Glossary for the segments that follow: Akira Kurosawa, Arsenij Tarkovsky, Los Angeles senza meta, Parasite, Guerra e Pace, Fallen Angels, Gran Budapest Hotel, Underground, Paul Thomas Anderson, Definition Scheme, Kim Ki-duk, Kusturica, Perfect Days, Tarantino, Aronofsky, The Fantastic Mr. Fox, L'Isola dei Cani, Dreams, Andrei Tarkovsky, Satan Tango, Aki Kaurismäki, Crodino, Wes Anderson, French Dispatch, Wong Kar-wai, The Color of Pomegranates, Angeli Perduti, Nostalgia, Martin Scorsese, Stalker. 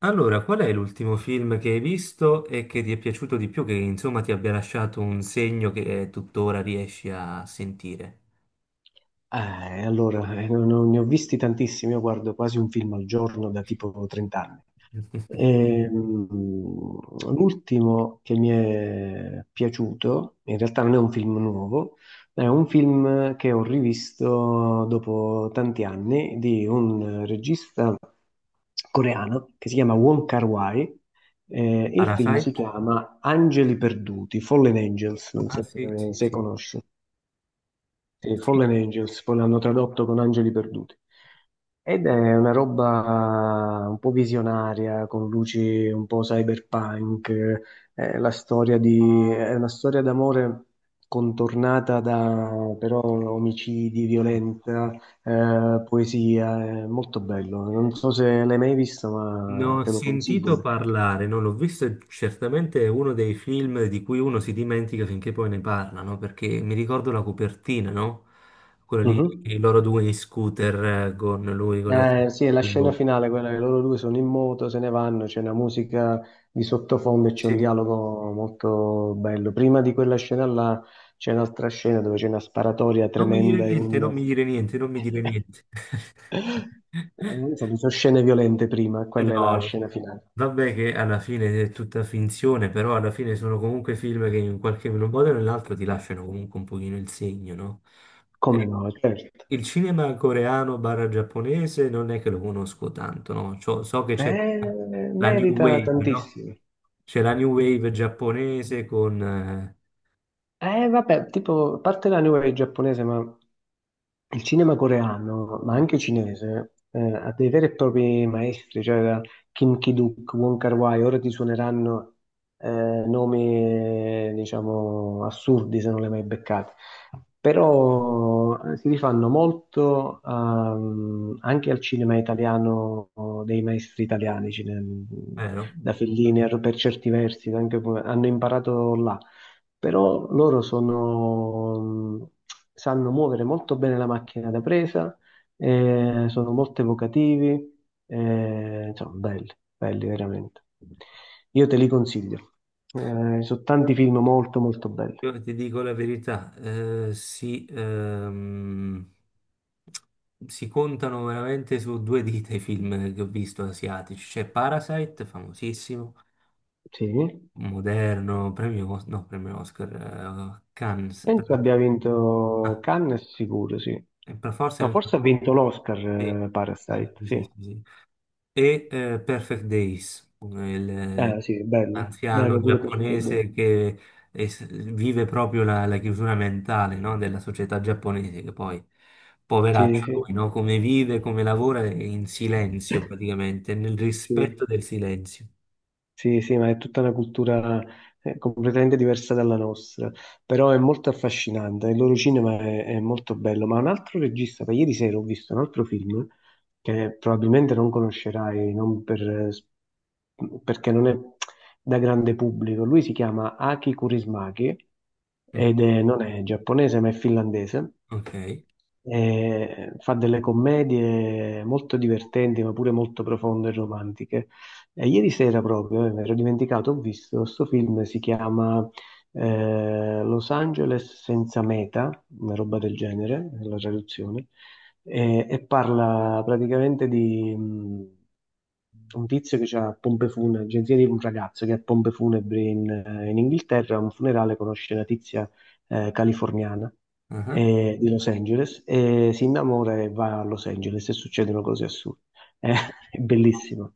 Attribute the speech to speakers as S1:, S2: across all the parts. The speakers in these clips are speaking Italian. S1: Allora, qual è l'ultimo film che hai visto e che ti è piaciuto di più, che insomma ti abbia lasciato un segno che tuttora riesci a sentire?
S2: Non ne ho visti tantissimi, io guardo quasi un film al giorno da tipo 30 anni. Ehm, L'ultimo che mi è piaciuto, in realtà non è un film nuovo, è un film che ho rivisto dopo tanti anni di un regista coreano che si chiama Wong Kar-wai. Il film si
S1: Parasite?
S2: chiama Angeli Perduti, Fallen Angels, non
S1: Ah
S2: so
S1: sì, sì,
S2: se
S1: sì.
S2: conosci. Sì,
S1: Sì.
S2: Fallen Angels, poi l'hanno tradotto con Angeli Perduti. Ed è una roba un po' visionaria, con luci un po' cyberpunk, è la è una storia d'amore contornata da però omicidi, violenza, poesia, è molto bello. Non so se l'hai mai visto,
S1: Ne
S2: ma
S1: ho
S2: te lo consiglio
S1: sentito
S2: per caso.
S1: parlare, non l'ho visto, e certamente è uno dei film di cui uno si dimentica finché poi ne parlano, perché mi ricordo la copertina, no? Quella lì,
S2: Mhm.
S1: i loro due in scooter con lui, con la.
S2: Sì, è la scena finale, quella che loro due sono in moto, se ne vanno, c'è una musica di sottofondo e c'è un
S1: Sì.
S2: dialogo molto bello. Prima di quella scena là c'è un'altra scena dove c'è una sparatoria
S1: Non mi dire
S2: tremenda in
S1: niente, non
S2: un...
S1: mi dire niente, non mi dire niente.
S2: Insomma, ci sono scene violente prima,
S1: Eh
S2: quella è la
S1: no,
S2: scena finale.
S1: vabbè che alla fine è tutta finzione, però alla fine sono comunque film che in qualche modo o nell'altro ti lasciano comunque un pochino il segno, no?
S2: Come
S1: Ecco.
S2: no, certo.
S1: Il cinema coreano/giapponese non è che lo conosco tanto, no? So che c'è la New
S2: Merita
S1: Wave, no?
S2: tantissimo.
S1: C'è la New Wave giapponese con
S2: Vabbè, tipo, a parte la New Wave giapponese, ma il cinema coreano, ma anche cinese, ha dei veri e propri maestri, cioè da Kim Ki-duk, Wong Kar-wai, ora ti suoneranno eh, nomi, diciamo, assurdi se non li hai mai beccati. Però si rifanno molto anche al cinema italiano, o dei maestri italiani,
S1: vero?
S2: da Fellini, per certi versi, anche, hanno imparato là però loro sono, sanno muovere molto bene la macchina da presa, sono molto evocativi, insomma, belli, belli veramente. Io te li consiglio. Sono tanti film molto molto belli.
S1: Io ti dico la verità, si contano veramente su due dita i film che ho visto asiatici. C'è Parasite, famosissimo,
S2: Sì,
S1: moderno, premio, no, premio Oscar, Cannes,
S2: penso abbia vinto
S1: ah,
S2: Cannes sicuro, sì.
S1: e per forza
S2: No,
S1: anche.
S2: forse ha vinto l'Oscar,
S1: Sì, sì, sì,
S2: Parasite,
S1: sì, sì,
S2: sì.
S1: sì, sì. E Perfect Days, il eh,
S2: Eh sì, bello,
S1: anziano
S2: bello pure per quello.
S1: giapponese che es- vive proprio la, chiusura mentale, no, della società giapponese, che poi, poveraccio
S2: Sì, sì.
S1: lui, no, come vive, come lavora è in silenzio praticamente, nel rispetto
S2: Sì.
S1: del silenzio.
S2: Sì, sì, ma è tutta una cultura completamente diversa dalla nostra, però è molto affascinante, il loro cinema è molto bello, ma un altro regista, da ieri sera ho visto un altro film che probabilmente non conoscerai, non per- perché non è da grande pubblico, lui si chiama Aki Kaurismäki
S1: Mm.
S2: non è giapponese ma è finlandese
S1: Ok.
S2: fa delle commedie molto divertenti, ma pure molto profonde e romantiche. E ieri sera proprio, mi ero dimenticato, ho visto questo film, si chiama Los Angeles senza meta, una roba del genere, la traduzione, e parla praticamente di un tizio che ha pompe funebri, agenzia di un ragazzo che ha pompe funebri in, in Inghilterra, a un funerale conosce la tizia californiana
S1: Ah.
S2: di Los Angeles e si innamora e va a Los Angeles e succedono cose assurde. Eh, è bellissimo.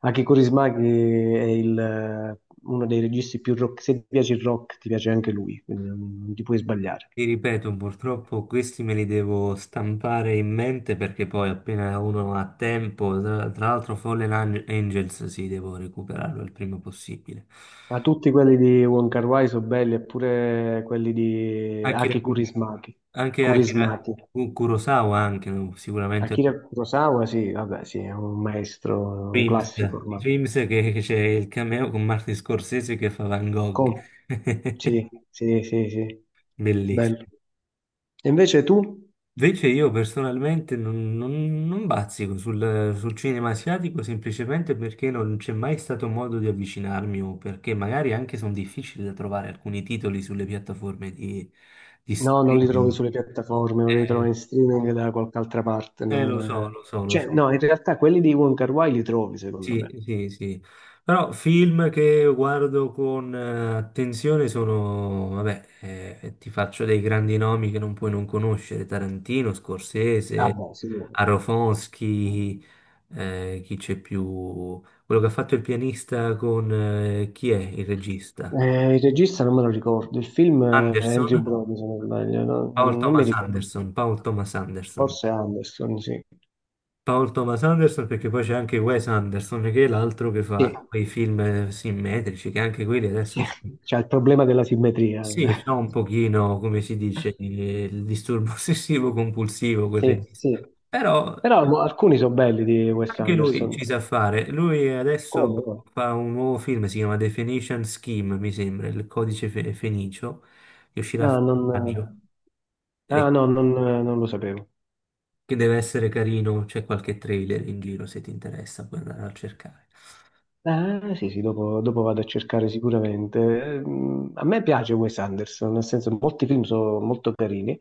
S2: Aki Kaurismäki è uno dei registi più rock. Se ti piace il rock, ti piace anche lui, quindi non ti puoi sbagliare.
S1: Ti ripeto, purtroppo questi me li devo stampare in mente perché poi appena uno ha tempo, tra l'altro Fallen Angels, sì, devo recuperarlo il prima possibile.
S2: Ma tutti quelli di Wong Kar-wai sono belli, eppure quelli di
S1: Akira,
S2: Aki
S1: Ku-
S2: Kaurismäki.
S1: anche Akira
S2: Kurismaki.
S1: Kurosawa, anche no? Sicuramente
S2: Akira Kurosawa, sì, vabbè, sì, è un maestro, un
S1: Dreams,
S2: classico ormai.
S1: Dreams che c'è il cameo con Martin Scorsese che fa Van Gogh,
S2: Com- Sì, sì, sì, sì, bello.
S1: bellissimo.
S2: E invece tu?
S1: Invece io personalmente non bazzico sul cinema asiatico semplicemente perché non c'è mai stato modo di avvicinarmi o perché magari anche sono difficili da trovare alcuni titoli sulle piattaforme di,
S2: No, non li trovi
S1: streaming.
S2: sulle piattaforme, non li trovi
S1: Eh,
S2: in streaming da qualche altra parte.
S1: Lo
S2: Non,
S1: so,
S2: eh.
S1: lo so, lo
S2: Cioè,
S1: so.
S2: no, in realtà quelli di Wong Kar-wai li trovi, secondo
S1: Sì,
S2: me.
S1: sì, sì. Però film che guardo con attenzione sono, vabbè, ti faccio dei grandi nomi che non puoi non conoscere, Tarantino,
S2: Ah,
S1: Scorsese,
S2: beh, sicuro.
S1: Aronofsky, chi c'è più? Quello che ha fatto il pianista con, chi è il regista?
S2: Il regista non me lo ricordo, il film è Andrew
S1: Anderson?
S2: Brody, se non sbaglio,
S1: Paul
S2: non mi
S1: Thomas
S2: ricordo.
S1: Anderson, Paul Thomas Anderson.
S2: Forse Anderson, sì.
S1: Paul Thomas Anderson perché poi c'è anche Wes Anderson che è l'altro che fa
S2: Sì,
S1: quei film simmetrici che anche quelli adesso
S2: sì,
S1: usciti.
S2: c'è il problema della simmetria.
S1: Sì, c'è un pochino, come si dice, il disturbo ossessivo compulsivo, quel
S2: Sì,
S1: regista.
S2: sì.
S1: Però
S2: Però alcuni sono belli di Wes
S1: anche lui
S2: Anderson.
S1: ci sa fare. Lui adesso
S2: Come?
S1: fa un nuovo film, si chiama Definition Scheme, mi sembra, il codice fenicio, che uscirà a
S2: Ah, non,
S1: maggio e
S2: Non lo sapevo.
S1: che deve essere carino. C'è qualche trailer in giro, se ti interessa, puoi andare a cercare.
S2: Ah, sì, sì, dopo, dopo vado a cercare sicuramente. A me piace Wes Anderson, nel senso molti film sono molto carini.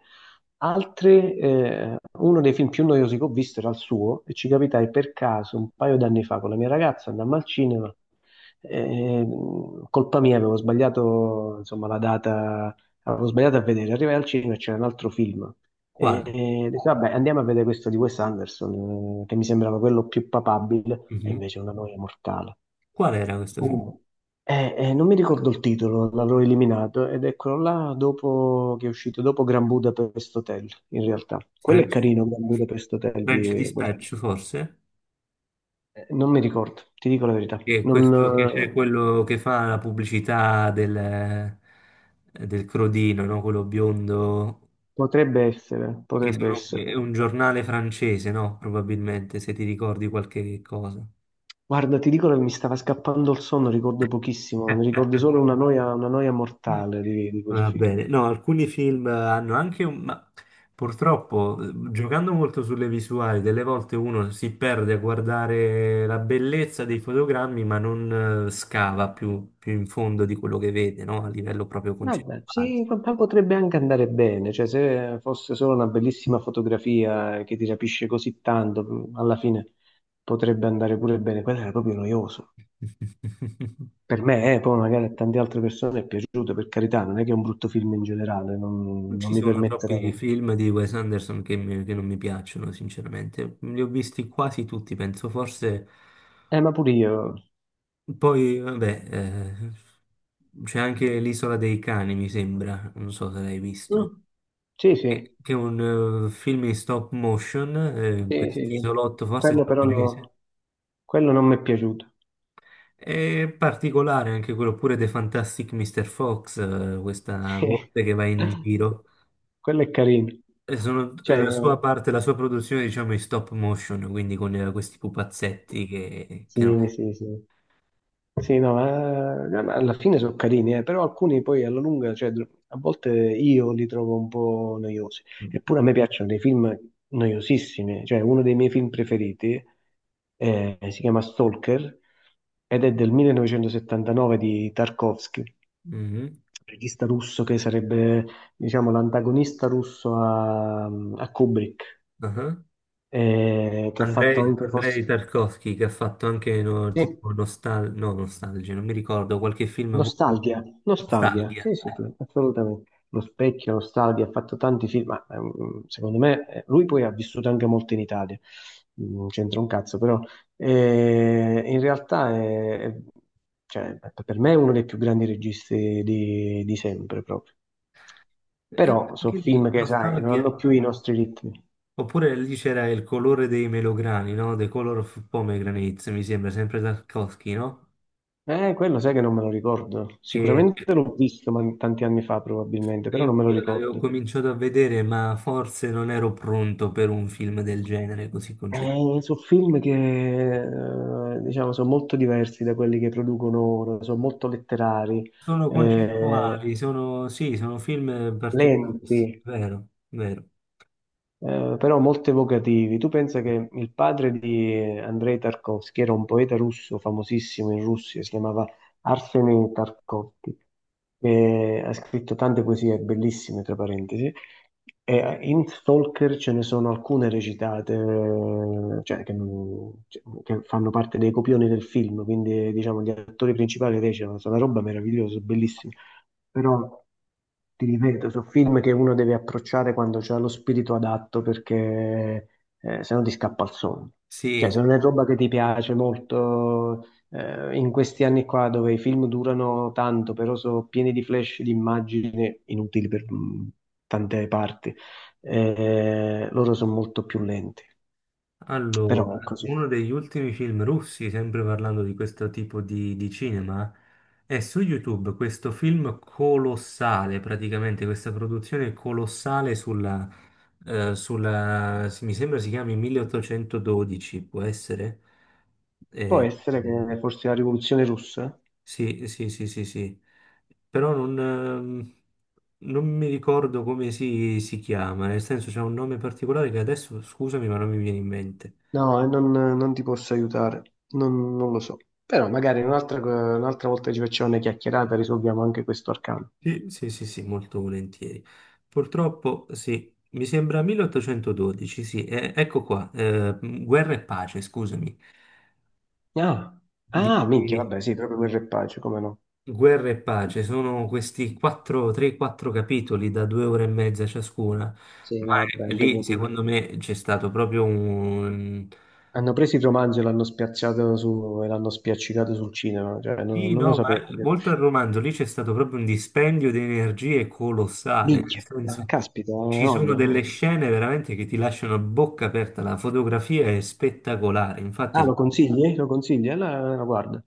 S2: Altri, uno dei film più noiosi che ho visto era il suo e ci capitai per caso un paio d'anni fa con la mia ragazza, andammo al cinema. Colpa mia, avevo sbagliato, insomma, la data, avevo sbagliato a vedere. Arrivai al cinema e c'era un altro film.
S1: Quale?
S2: E dico, vabbè, andiamo a vedere questo di Wes Anderson, che mi sembrava quello più papabile, e
S1: Mhm.
S2: invece è una noia mortale.
S1: Qual era questo film?
S2: Uh, non mi ricordo il titolo, l'avevo eliminato ed eccolo là dopo che è uscito, dopo Gran Budapest Hotel, in realtà. Quello è
S1: French,
S2: carino, Gran Budapest Hotel
S1: French
S2: di Wes
S1: Dispatch,
S2: Anderson.
S1: forse?
S2: Non mi ricordo, ti dico la verità.
S1: Che
S2: Non,
S1: questo che c'è quello che fa la pubblicità del Crodino, no? Quello biondo,
S2: potrebbe essere,
S1: che
S2: potrebbe essere.
S1: è un giornale francese, no? Probabilmente, se ti ricordi qualche cosa.
S2: Guarda, ti dico che mi stava scappando il sonno, ricordo pochissimo, mi ricordo solo una noia mortale di quel
S1: Va
S2: film.
S1: bene, no, alcuni film hanno anche ma purtroppo, giocando molto sulle visuali, delle volte uno si perde a guardare la bellezza dei fotogrammi, ma non scava più in fondo di quello che vede, no? A livello proprio
S2: Vabbè,
S1: concettuale.
S2: sì, in realtà potrebbe anche andare bene, cioè se fosse solo una bellissima fotografia che ti rapisce così tanto, alla fine potrebbe andare pure bene. Quello era proprio noioso. Per me, poi magari a tante altre persone è piaciuto, per carità, non è che è un brutto film in generale,
S1: Non
S2: non
S1: ci
S2: mi
S1: sono troppi
S2: permetterei.
S1: film di Wes Anderson che non mi piacciono, sinceramente. Li ho visti quasi tutti, penso. Forse
S2: Ma pure io.
S1: poi, vabbè, c'è anche L'Isola dei Cani, mi sembra. Non so se l'hai
S2: Mm,
S1: visto.
S2: sì, sì,
S1: Che è un film in stop motion, in
S2: sì, sì, sì.
S1: quest'isolotto, forse
S2: Quello però
S1: giapponese.
S2: no, quello non mi è piaciuto.
S1: È particolare anche quello pure The Fantastic Mr. Fox, questa volpe che va in giro.
S2: Quello è carino.
S1: E
S2: Cioè,
S1: la sua parte, la sua produzione, diciamo, in stop motion, quindi con questi pupazzetti che no.
S2: sì, sì, sì. Sì, no, ma alla fine sono carini, però alcuni poi alla lunga, cioè, a volte io li trovo un po' noiosi. Eppure a me piacciono dei film noiosissimi, cioè uno dei miei film preferiti si chiama Stalker ed è del 1979 di Tarkovsky,
S1: Mhm.
S2: regista russo che sarebbe, diciamo, l'antagonista russo a Kubrick,
S1: Ah.
S2: che ha fatto anche
S1: Andrei
S2: forse...
S1: Tarkovsky che ha fatto anche no,
S2: Sì.
S1: tipo nostal no, Nostalgia, non mi ricordo, qualche film molto bello.
S2: Nostalgia, nostalgia,
S1: Nostalgia.
S2: sì, sì, sì, assolutamente. Lo specchio, nostalgia, ha fatto tanti film, ma secondo me lui poi ha vissuto anche molto in Italia, mm, non c'entra un cazzo, però in realtà cioè, per me è uno dei più grandi registi di sempre proprio. Però sono
S1: Anche lì,
S2: film che, sai, non
S1: Nostalgia.
S2: hanno più i nostri ritmi.
S1: Oppure lì c'era il colore dei melograni, no? The Color of Pomegranates, mi sembra, sempre Tarkovsky, no?
S2: Quello sai che non me lo ricordo.
S1: Che
S2: Sicuramente l'ho visto ma tanti anni fa probabilmente, però non me lo
S1: Io l'avevo
S2: ricordo.
S1: cominciato a vedere, ma forse non ero pronto per un film del genere così concettuale.
S2: Sono film che diciamo sono molto diversi da quelli che producono ora, sono molto letterari,
S1: Sono
S2: eh,
S1: concettuali, sì, sono film particolari,
S2: lenti.
S1: vero, vero.
S2: Eh, però molto evocativi. Tu pensa che il padre di Andrei Tarkovsky era un poeta russo famosissimo in Russia, si chiamava Arsenij Tarkovsky, e ha scritto tante poesie bellissime, tra parentesi, e in Stalker ce ne sono alcune recitate, cioè, che, non- cioè, che fanno parte dei copioni del film, quindi diciamo gli attori principali recitano, è una roba meravigliosa, bellissima. Però ti ripeto, sono film che uno deve approcciare quando c'ha lo spirito adatto perché se no ti scappa il sonno. Cioè,
S1: Sì, sì.
S2: se non è roba che ti piace molto, in questi anni qua dove i film durano tanto, però sono pieni di flash di immagini inutili per tante parti, loro sono molto più lenti.
S1: Allora,
S2: Però è così.
S1: uno degli ultimi film russi, sempre parlando di questo tipo di, cinema, è su YouTube questo film colossale, praticamente questa produzione colossale mi sembra si chiami 1812, può essere?
S2: Può
S1: Eh,
S2: essere che forse la rivoluzione russa?
S1: sì, sì, sì, sì, sì, però non mi ricordo come si chiama, nel senso c'è un nome particolare che adesso, scusami, ma non mi viene in mente.
S2: No, e non ti posso aiutare, non lo so. Però magari un'altra volta ci facciamo una chiacchierata e risolviamo anche questo arcano.
S1: Sì, sì, sì, sì, molto volentieri. Purtroppo, sì, mi sembra 1812, sì, ecco qua, Guerra e Pace, scusami,
S2: Ah, ah,
S1: di
S2: minchia, vabbè, sì, proprio quel repace, come no?
S1: Guerra e Pace, sono questi 4, 3-4 capitoli da 2 ore e mezza ciascuna,
S2: Sì,
S1: ma
S2: no, vabbè,
S1: lì
S2: impegnativo.
S1: secondo me c'è stato proprio un.
S2: Hanno preso il romanzo e e l'hanno spiaccicato sul cinema, cioè
S1: Sì,
S2: non lo
S1: no, ma
S2: sapevo.
S1: oltre al
S2: Che...
S1: romanzo, lì c'è stato proprio un dispendio di energie colossale, nel
S2: minchia, ah,
S1: senso
S2: caspita,
S1: ci sono delle
S2: no.
S1: scene veramente che ti lasciano a bocca aperta, la fotografia è spettacolare, infatti
S2: Ah, lo consigli? Lo consigli? Allora, guarda,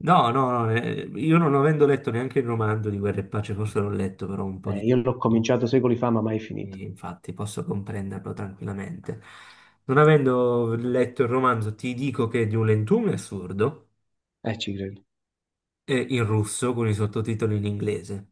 S1: no, no, no, io non avendo letto neanche il romanzo di Guerra e Pace, forse l'ho letto però un po'
S2: eh,
S1: di.
S2: io l'ho cominciato secoli fa, ma mai finito.
S1: Infatti posso comprenderlo tranquillamente. Non avendo letto il romanzo ti dico che è di un lentume assurdo,
S2: Ci credo.
S1: e in russo con i sottotitoli in inglese.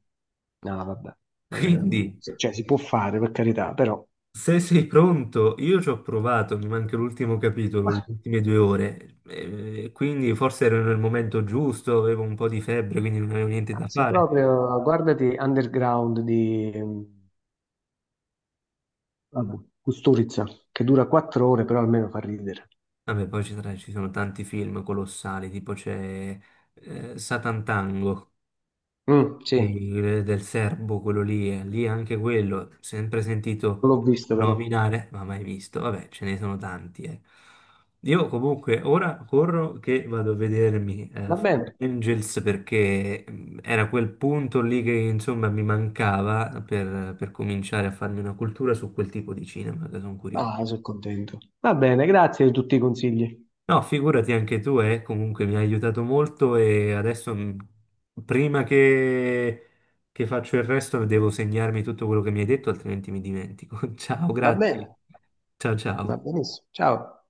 S2: No, vabbè,
S1: Certo. Quindi
S2: Cioè si può fare per carità, però
S1: se sei pronto, io ci ho provato, mi manca l'ultimo capitolo,
S2: ma
S1: le ultime 2 ore, quindi forse ero nel momento giusto, avevo un po' di febbre, quindi non avevo niente da
S2: se
S1: fare.
S2: proprio guardati Underground di vabbè, Kusturica, che dura quattro ore, però almeno fa ridere.
S1: Vabbè, poi ci sono tanti film colossali, tipo c'è Satan Tango
S2: Mm, sì, non
S1: del serbo, quello lì, lì anche quello, sempre sentito
S2: l'ho visto però.
S1: nominare, ma mai visto. Vabbè, ce ne sono tanti, eh. Io comunque ora corro che vado a vedermi
S2: Va bene,
S1: Fallen Angels perché era quel punto lì che insomma mi mancava per cominciare a farmi una cultura su quel tipo di cinema, che sono curioso.
S2: ah, sono contento. Va bene, grazie di tutti i consigli.
S1: No, figurati anche tu, comunque mi hai aiutato molto e adesso prima che faccio il resto devo segnarmi tutto quello che mi hai detto, altrimenti mi dimentico. Ciao,
S2: Va bene,
S1: grazie. Ciao
S2: va
S1: ciao.
S2: benissimo. Ciao.